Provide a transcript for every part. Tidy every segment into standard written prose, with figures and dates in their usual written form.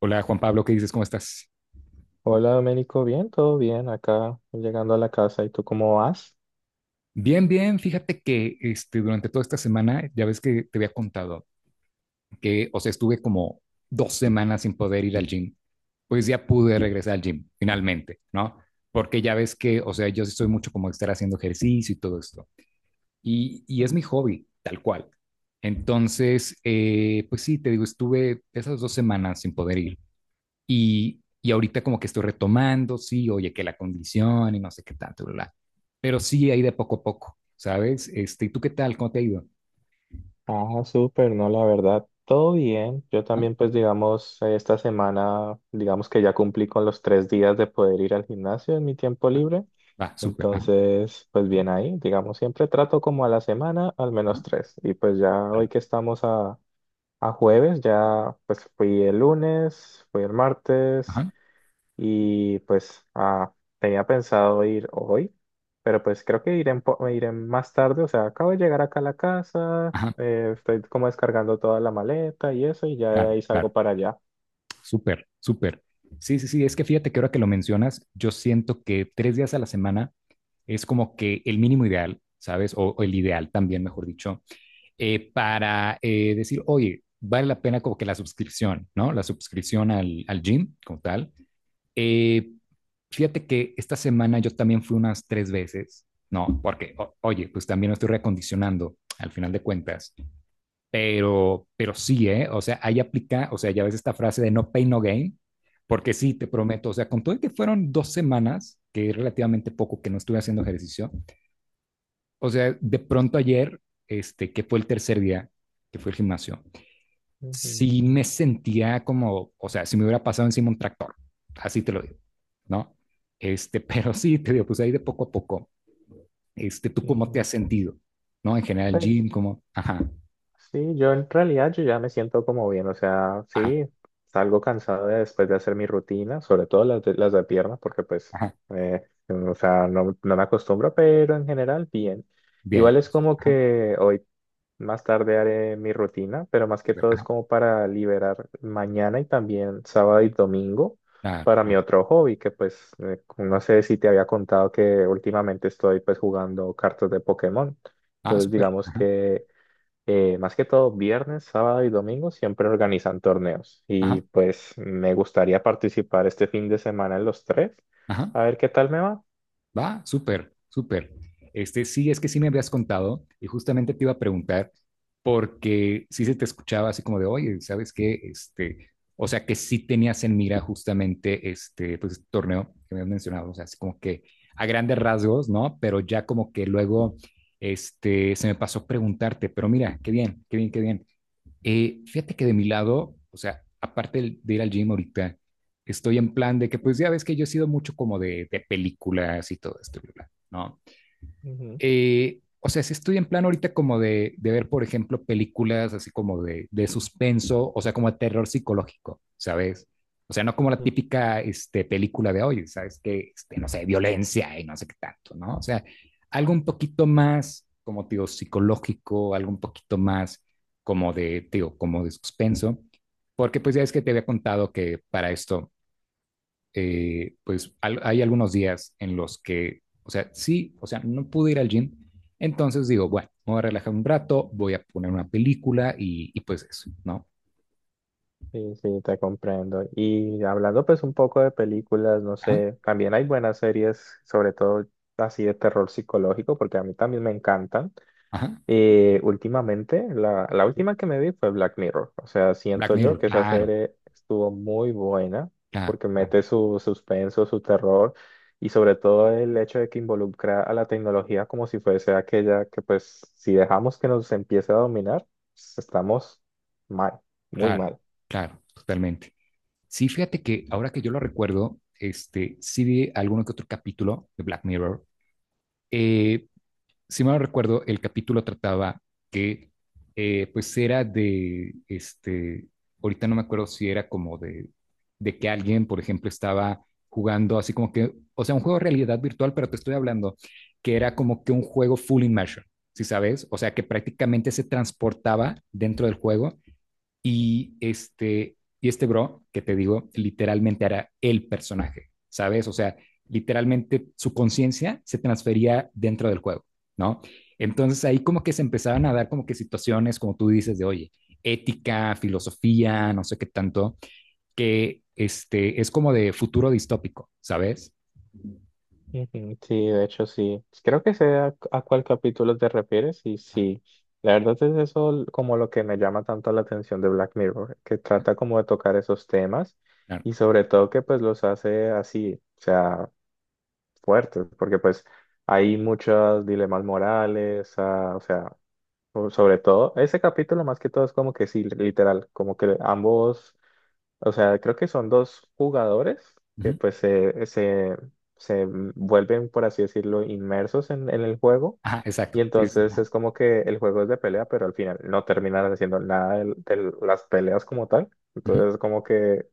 Hola Juan Pablo, ¿qué dices? ¿Cómo estás? Hola Domenico, bien, todo bien acá, llegando a la casa. ¿Y tú cómo vas? Bien, bien. Fíjate que durante toda esta semana, ya ves que te había contado que, o sea, estuve como dos semanas sin poder ir al gym. Pues ya pude regresar al gym, finalmente, ¿no? Porque ya ves que, o sea, yo sí soy mucho como de estar haciendo ejercicio y todo esto. Y es mi hobby, tal cual. Entonces, pues sí, te digo, estuve esas dos semanas sin poder ir. Y ahorita como que estoy retomando, sí, oye, que la condición y no sé qué tanto, bla, bla. Pero sí, ahí de poco a poco, ¿sabes? ¿Y tú qué tal? ¿Cómo te ha ido? Ah, súper, no, la verdad, todo bien. Yo Ajá, también, pues digamos, esta semana, digamos que ya cumplí con los tres días de poder ir al gimnasio en mi tiempo ajá, libre. va, súper, ajá, Entonces, pues bien ahí, digamos, siempre trato como a la semana al menos ajá, tres. Y pues ya hoy claro, que estamos a jueves, ya pues fui el lunes, fui el martes. ajá, Y pues tenía pensado ir hoy, pero pues creo que iré, iré más tarde. O sea, acabo de llegar acá a la casa, ajá, estoy como descargando toda la maleta y eso, y ya de claro, ahí salgo claro, para allá. súper, súper. Sí, sí, sí, es que fíjate que ahora que lo mencionas, yo siento que tres días a la semana es como que el mínimo ideal, ¿sabes? O el ideal también, mejor dicho, para decir, oye, vale la pena como que la suscripción, ¿no? La suscripción al gym como tal. Eh, fíjate que esta semana yo también fui unas tres veces, ¿no? Porque, oye, pues también me estoy reacondicionando al final de cuentas, pero sí, ¿eh? O sea, ahí aplica, o sea, ya ves esta frase de no pain, no gain, porque sí, te prometo, o sea, con todo y que fueron dos semanas, que es relativamente poco que no estuve haciendo ejercicio, o sea, de pronto ayer, que fue el tercer día, que fue el gimnasio, Ujú, sí me sentía como, o sea, si me hubiera pasado encima un tractor, así te lo digo, ¿no? Este, Pero sí, te digo, pues ahí de poco a poco. ¿Tú cómo te ujú. has sentido? ¿No? En general, Pues Jim, como, ajá, sí, yo en realidad yo ya me siento como bien, o sea, ajá, sí, salgo cansado de- después de hacer mi rutina, sobre todo las de pierna, porque pues, ajá, eh, o sea, no me acostumbro, pero en general bien. bien, Igual es como ajá, que hoy más tarde haré mi rutina, pero más que súper, todo es ajá, como para liberar mañana y también sábado y domingo ah, para mi ah, otro hobby, que pues no sé si te había contado que últimamente estoy pues jugando cartas de Pokémon. ah, Entonces súper, digamos ajá, que más que todo viernes, sábado y domingo siempre organizan torneos ajá, y pues me gustaría participar este fin de semana en los tres, ajá. a ver qué tal me va. Va, súper, súper. Sí, es que sí me habías contado y justamente te iba a preguntar porque sí se te escuchaba así como de, oye, ¿sabes qué? O sea, que sí tenías en mira justamente pues, este torneo que me has mencionado, o sea, así como que a grandes rasgos, ¿no? Pero ya como que luego, se me pasó preguntarte, pero mira, qué bien, qué bien, qué bien. Fíjate que de mi lado, o sea, aparte de ir al gym ahorita, estoy en plan de que, pues ya ves que yo he sido mucho como de películas y todo esto, bla, bla, ¿no? O sea, si estoy en plan ahorita como de ver, por ejemplo, películas así como de suspenso, o sea, como de terror psicológico, ¿sabes? O sea, no como la Ujú. típica película de hoy, ¿sabes? Que, no sé, violencia y no sé qué tanto, ¿no? O sea, algo un poquito más, como te digo, psicológico, algo un poquito más como de, te digo, como de suspenso, porque pues ya es que te había contado que para esto pues hay algunos días en los que, o sea, sí, o sea, no pude ir al gym, entonces digo, bueno, me voy a relajar un rato, voy a poner una película y pues eso, ¿no? Sí, sí, te comprendo. Y hablando pues un poco de películas, no Ajá, sé, también hay buenas series, sobre todo así de terror psicológico, porque a mí también me encantan. ajá. Últimamente, la Sí. última que me vi fue Black Mirror. O sea, Black siento yo Mirror, que esa claro, serie estuvo muy buena, claro, porque claro, mete su suspenso, su terror, y sobre todo el hecho de que involucra a la tecnología como si fuese aquella que pues si dejamos que nos empiece a dominar, pues, estamos mal, muy claro, mal. claro, totalmente. Sí, fíjate que ahora que yo lo recuerdo, sí vi alguno que otro capítulo de Black Mirror. eh, si mal no recuerdo, el capítulo trataba que, pues era de, ahorita no me acuerdo si era como de que alguien, por ejemplo, estaba jugando así como que, o sea, un juego de realidad virtual, pero te estoy hablando que era como que un juego full immersion, ¿si sabes? O sea, que prácticamente se transportaba dentro del juego y este bro, que te digo, literalmente era el personaje, ¿sabes? O sea, literalmente su conciencia se transfería dentro del juego, ¿no? Entonces ahí como que se empezaban a dar como que situaciones, como tú dices, de, oye, ética, filosofía, no sé qué tanto, que es como de futuro distópico, ¿sabes? Ujú. Sí, de hecho sí. Creo que sé a cuál capítulo te refieres y Ajá, sí, la verdad es eso como lo que me llama tanto la atención de Black Mirror, que ajá, trata como de tocar esos temas claro. y sobre todo que pues los hace así, o sea, fuertes, porque pues hay muchos dilemas morales, o sea, sobre todo ese capítulo más que todo es como que sí, literal, como que ambos, o sea, creo que son dos jugadores que Ujú. pues se vuelven, por así decirlo, inmersos en el juego. Ajá, exacto. Y Sí, sí, sí, entonces ajá, es como que el juego es de pelea, pero al final no terminan haciendo nada de, las peleas como tal. ujú. Entonces es como que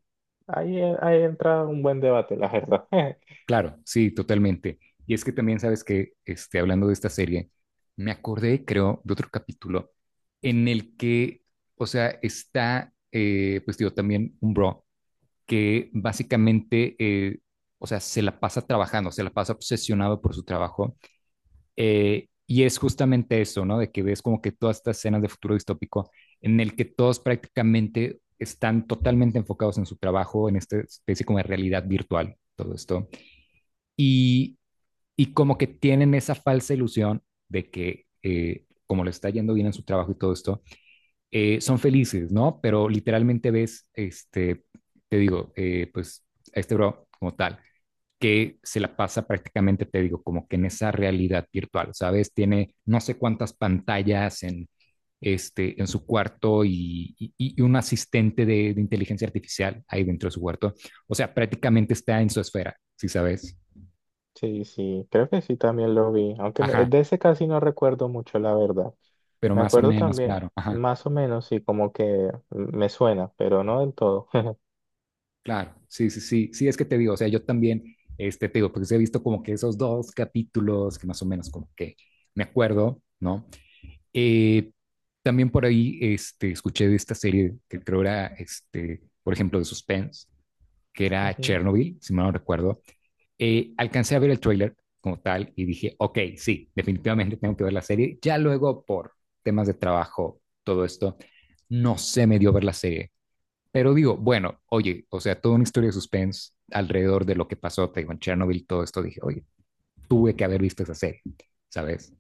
ahí, ahí entra un buen debate, la verdad. Claro, sí, totalmente. Y es que también sabes que, hablando de esta serie, me acordé, creo, de otro capítulo en el que, o sea, está, pues digo, también un bro que básicamente, o sea, se la pasa trabajando, se la pasa obsesionado por su trabajo. Y es justamente eso, ¿no? De que ves como que todas estas escenas de futuro distópico en el que todos prácticamente están totalmente enfocados en su trabajo, en esta especie como de realidad virtual, todo esto. Y como que tienen esa falsa ilusión de que, como le está yendo bien en su trabajo y todo esto, son felices, ¿no? Pero literalmente ves, te digo, pues a este bro como tal, que se la pasa prácticamente, te digo, como que en esa realidad virtual, ¿sabes? Tiene no sé cuántas pantallas en, en su cuarto y un asistente de inteligencia artificial ahí dentro de su cuarto. O sea, prácticamente está en su esfera, ¿si sí sabes? Sí, sí, creo que sí también lo vi. Aunque Ajá. de ese casi no recuerdo mucho, la verdad. Pero Me más o acuerdo menos, también, claro, ajá, más o menos, sí, como que me suena, pero no del todo. claro, sí, sí, sí, sí, es que te digo, o sea, yo también, te digo, porque he visto como que esos dos capítulos que más o menos como que me acuerdo, ¿no? Eh, También por ahí, escuché de esta serie que creo era, por ejemplo, de suspense, que era Ujú. Chernobyl, si mal no recuerdo, alcancé a ver el tráiler como tal y dije, ok, sí, definitivamente tengo que ver la serie, ya luego por temas de trabajo, todo esto, no se me dio ver la serie. Pero digo, bueno, oye, o sea, toda una historia de suspense alrededor de lo que pasó, te digo, en Chernobyl, todo esto, dije, oye, tuve que haber visto esa serie, ¿sabes?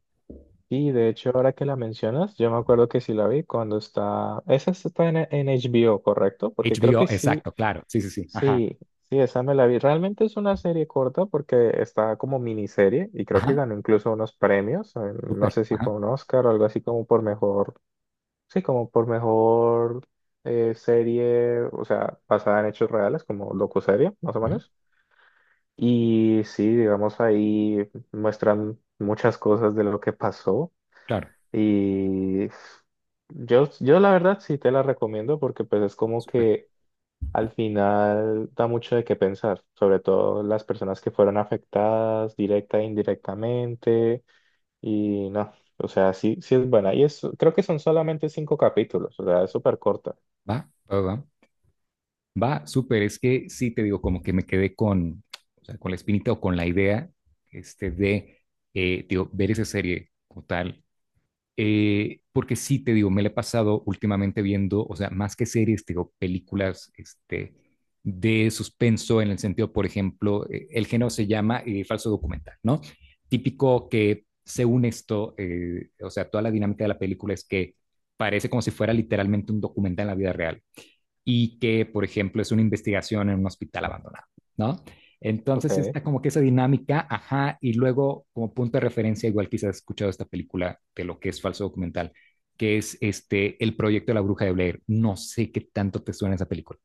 Y de hecho, ahora que la mencionas, yo me acuerdo que sí la vi cuando está... Esa sí está en HBO, ¿correcto? Porque creo HBO, que sí, exacto, claro, sí, sí, sí, ajá, sí, sí, esa me la vi. Realmente es una serie corta porque está como miniserie y creo que ajá, ganó incluso unos premios. No súper, sé si fue ajá, un Oscar o algo así como por mejor, sí, como por mejor serie, o sea, basada en hechos reales, como docuserie, más o ujú, menos. Y sí, digamos, ahí muestran muchas cosas de lo que pasó. claro, Y yo la verdad sí te la recomiendo porque pues es como súper, que al final da mucho de qué pensar, sobre todo las personas que fueron afectadas directa e indirectamente y no, o sea, sí, sí es buena. Y eso creo que son solamente 5 capítulos, o sea, es súper corta. va, va, va, va, súper, es que sí te digo, como que me quedé con, o sea, con la espinita o con la idea, este, de, digo, ver esa serie como tal. Porque sí, te digo, me la he pasado últimamente viendo, o sea, más que series, te digo, películas de suspenso en el sentido, por ejemplo, el género se llama falso documental, ¿no? Típico que según esto, o sea, toda la dinámica de la película es que parece como si fuera literalmente un documental en la vida real y que, por ejemplo, es una investigación en un hospital abandonado, ¿no? Entonces Ok, está como que esa dinámica, ajá, y luego como punto de referencia, igual quizás has escuchado esta película de lo que es falso documental, que es el proyecto de la bruja de Blair. No sé qué tanto te suena esa película.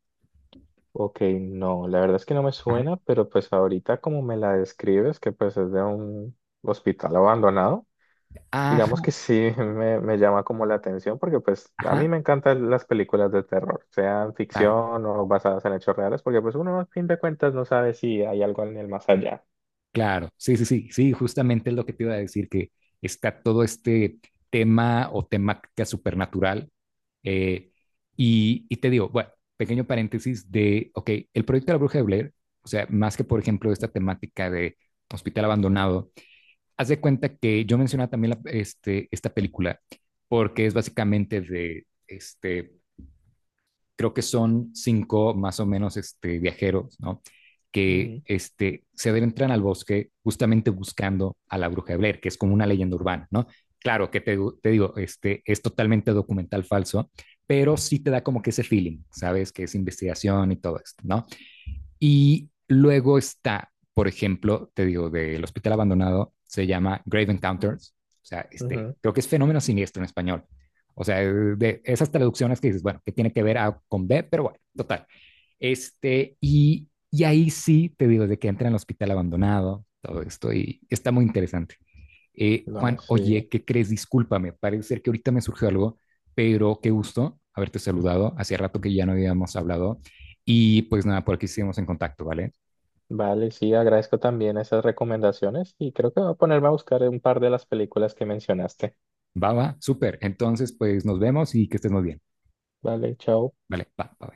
ok, no, la verdad es que no me Ajá, suena, pero pues ahorita como me la describes, que pues es de un hospital abandonado. Digamos ajá, que sí, me llama como la atención porque pues a ajá, mí me encantan las películas de terror, sean claro. ficción o basadas en hechos reales, porque pues uno a fin de cuentas no sabe si hay algo en el más allá. Claro, sí, sí, sí, sí, justamente es lo que te iba a decir, que está todo este tema o temática supernatural. eh, Te digo, bueno, pequeño paréntesis de, ok, el proyecto de la Bruja de Blair, o sea, más que por ejemplo esta temática de hospital abandonado, haz de cuenta que yo mencionaba también esta película porque es básicamente de, creo que son cinco más o menos viajeros, ¿no? Que Ujú. Se adentran al bosque justamente buscando a la bruja de Blair, que es como una leyenda urbana, ¿no? Claro que te digo, es totalmente documental falso, pero sí te da como que ese feeling, ¿sabes? Que es investigación y todo esto, ¿no? Y luego está, por ejemplo, te digo, del hospital abandonado, se llama Grave Encounters. O sea, Ujú. creo que es fenómeno siniestro en español. O sea, de esas traducciones que dices, bueno, que tiene que ver a, con B, pero bueno, total. Ahí sí te digo de que entra en el hospital abandonado, todo esto, y está muy interesante. No, Juan, sí. oye, ¿qué crees? Discúlpame, parece ser que ahorita me surgió algo, pero qué gusto haberte saludado. Hacía rato que ya no habíamos hablado. Y pues nada, por aquí seguimos en contacto, ¿vale? Vale, sí, agradezco también esas recomendaciones y creo que voy a ponerme a buscar un par de las películas que mencionaste. Va, va, súper. Entonces, pues nos vemos y que estés muy bien. Vale, chao. Vale, va, va.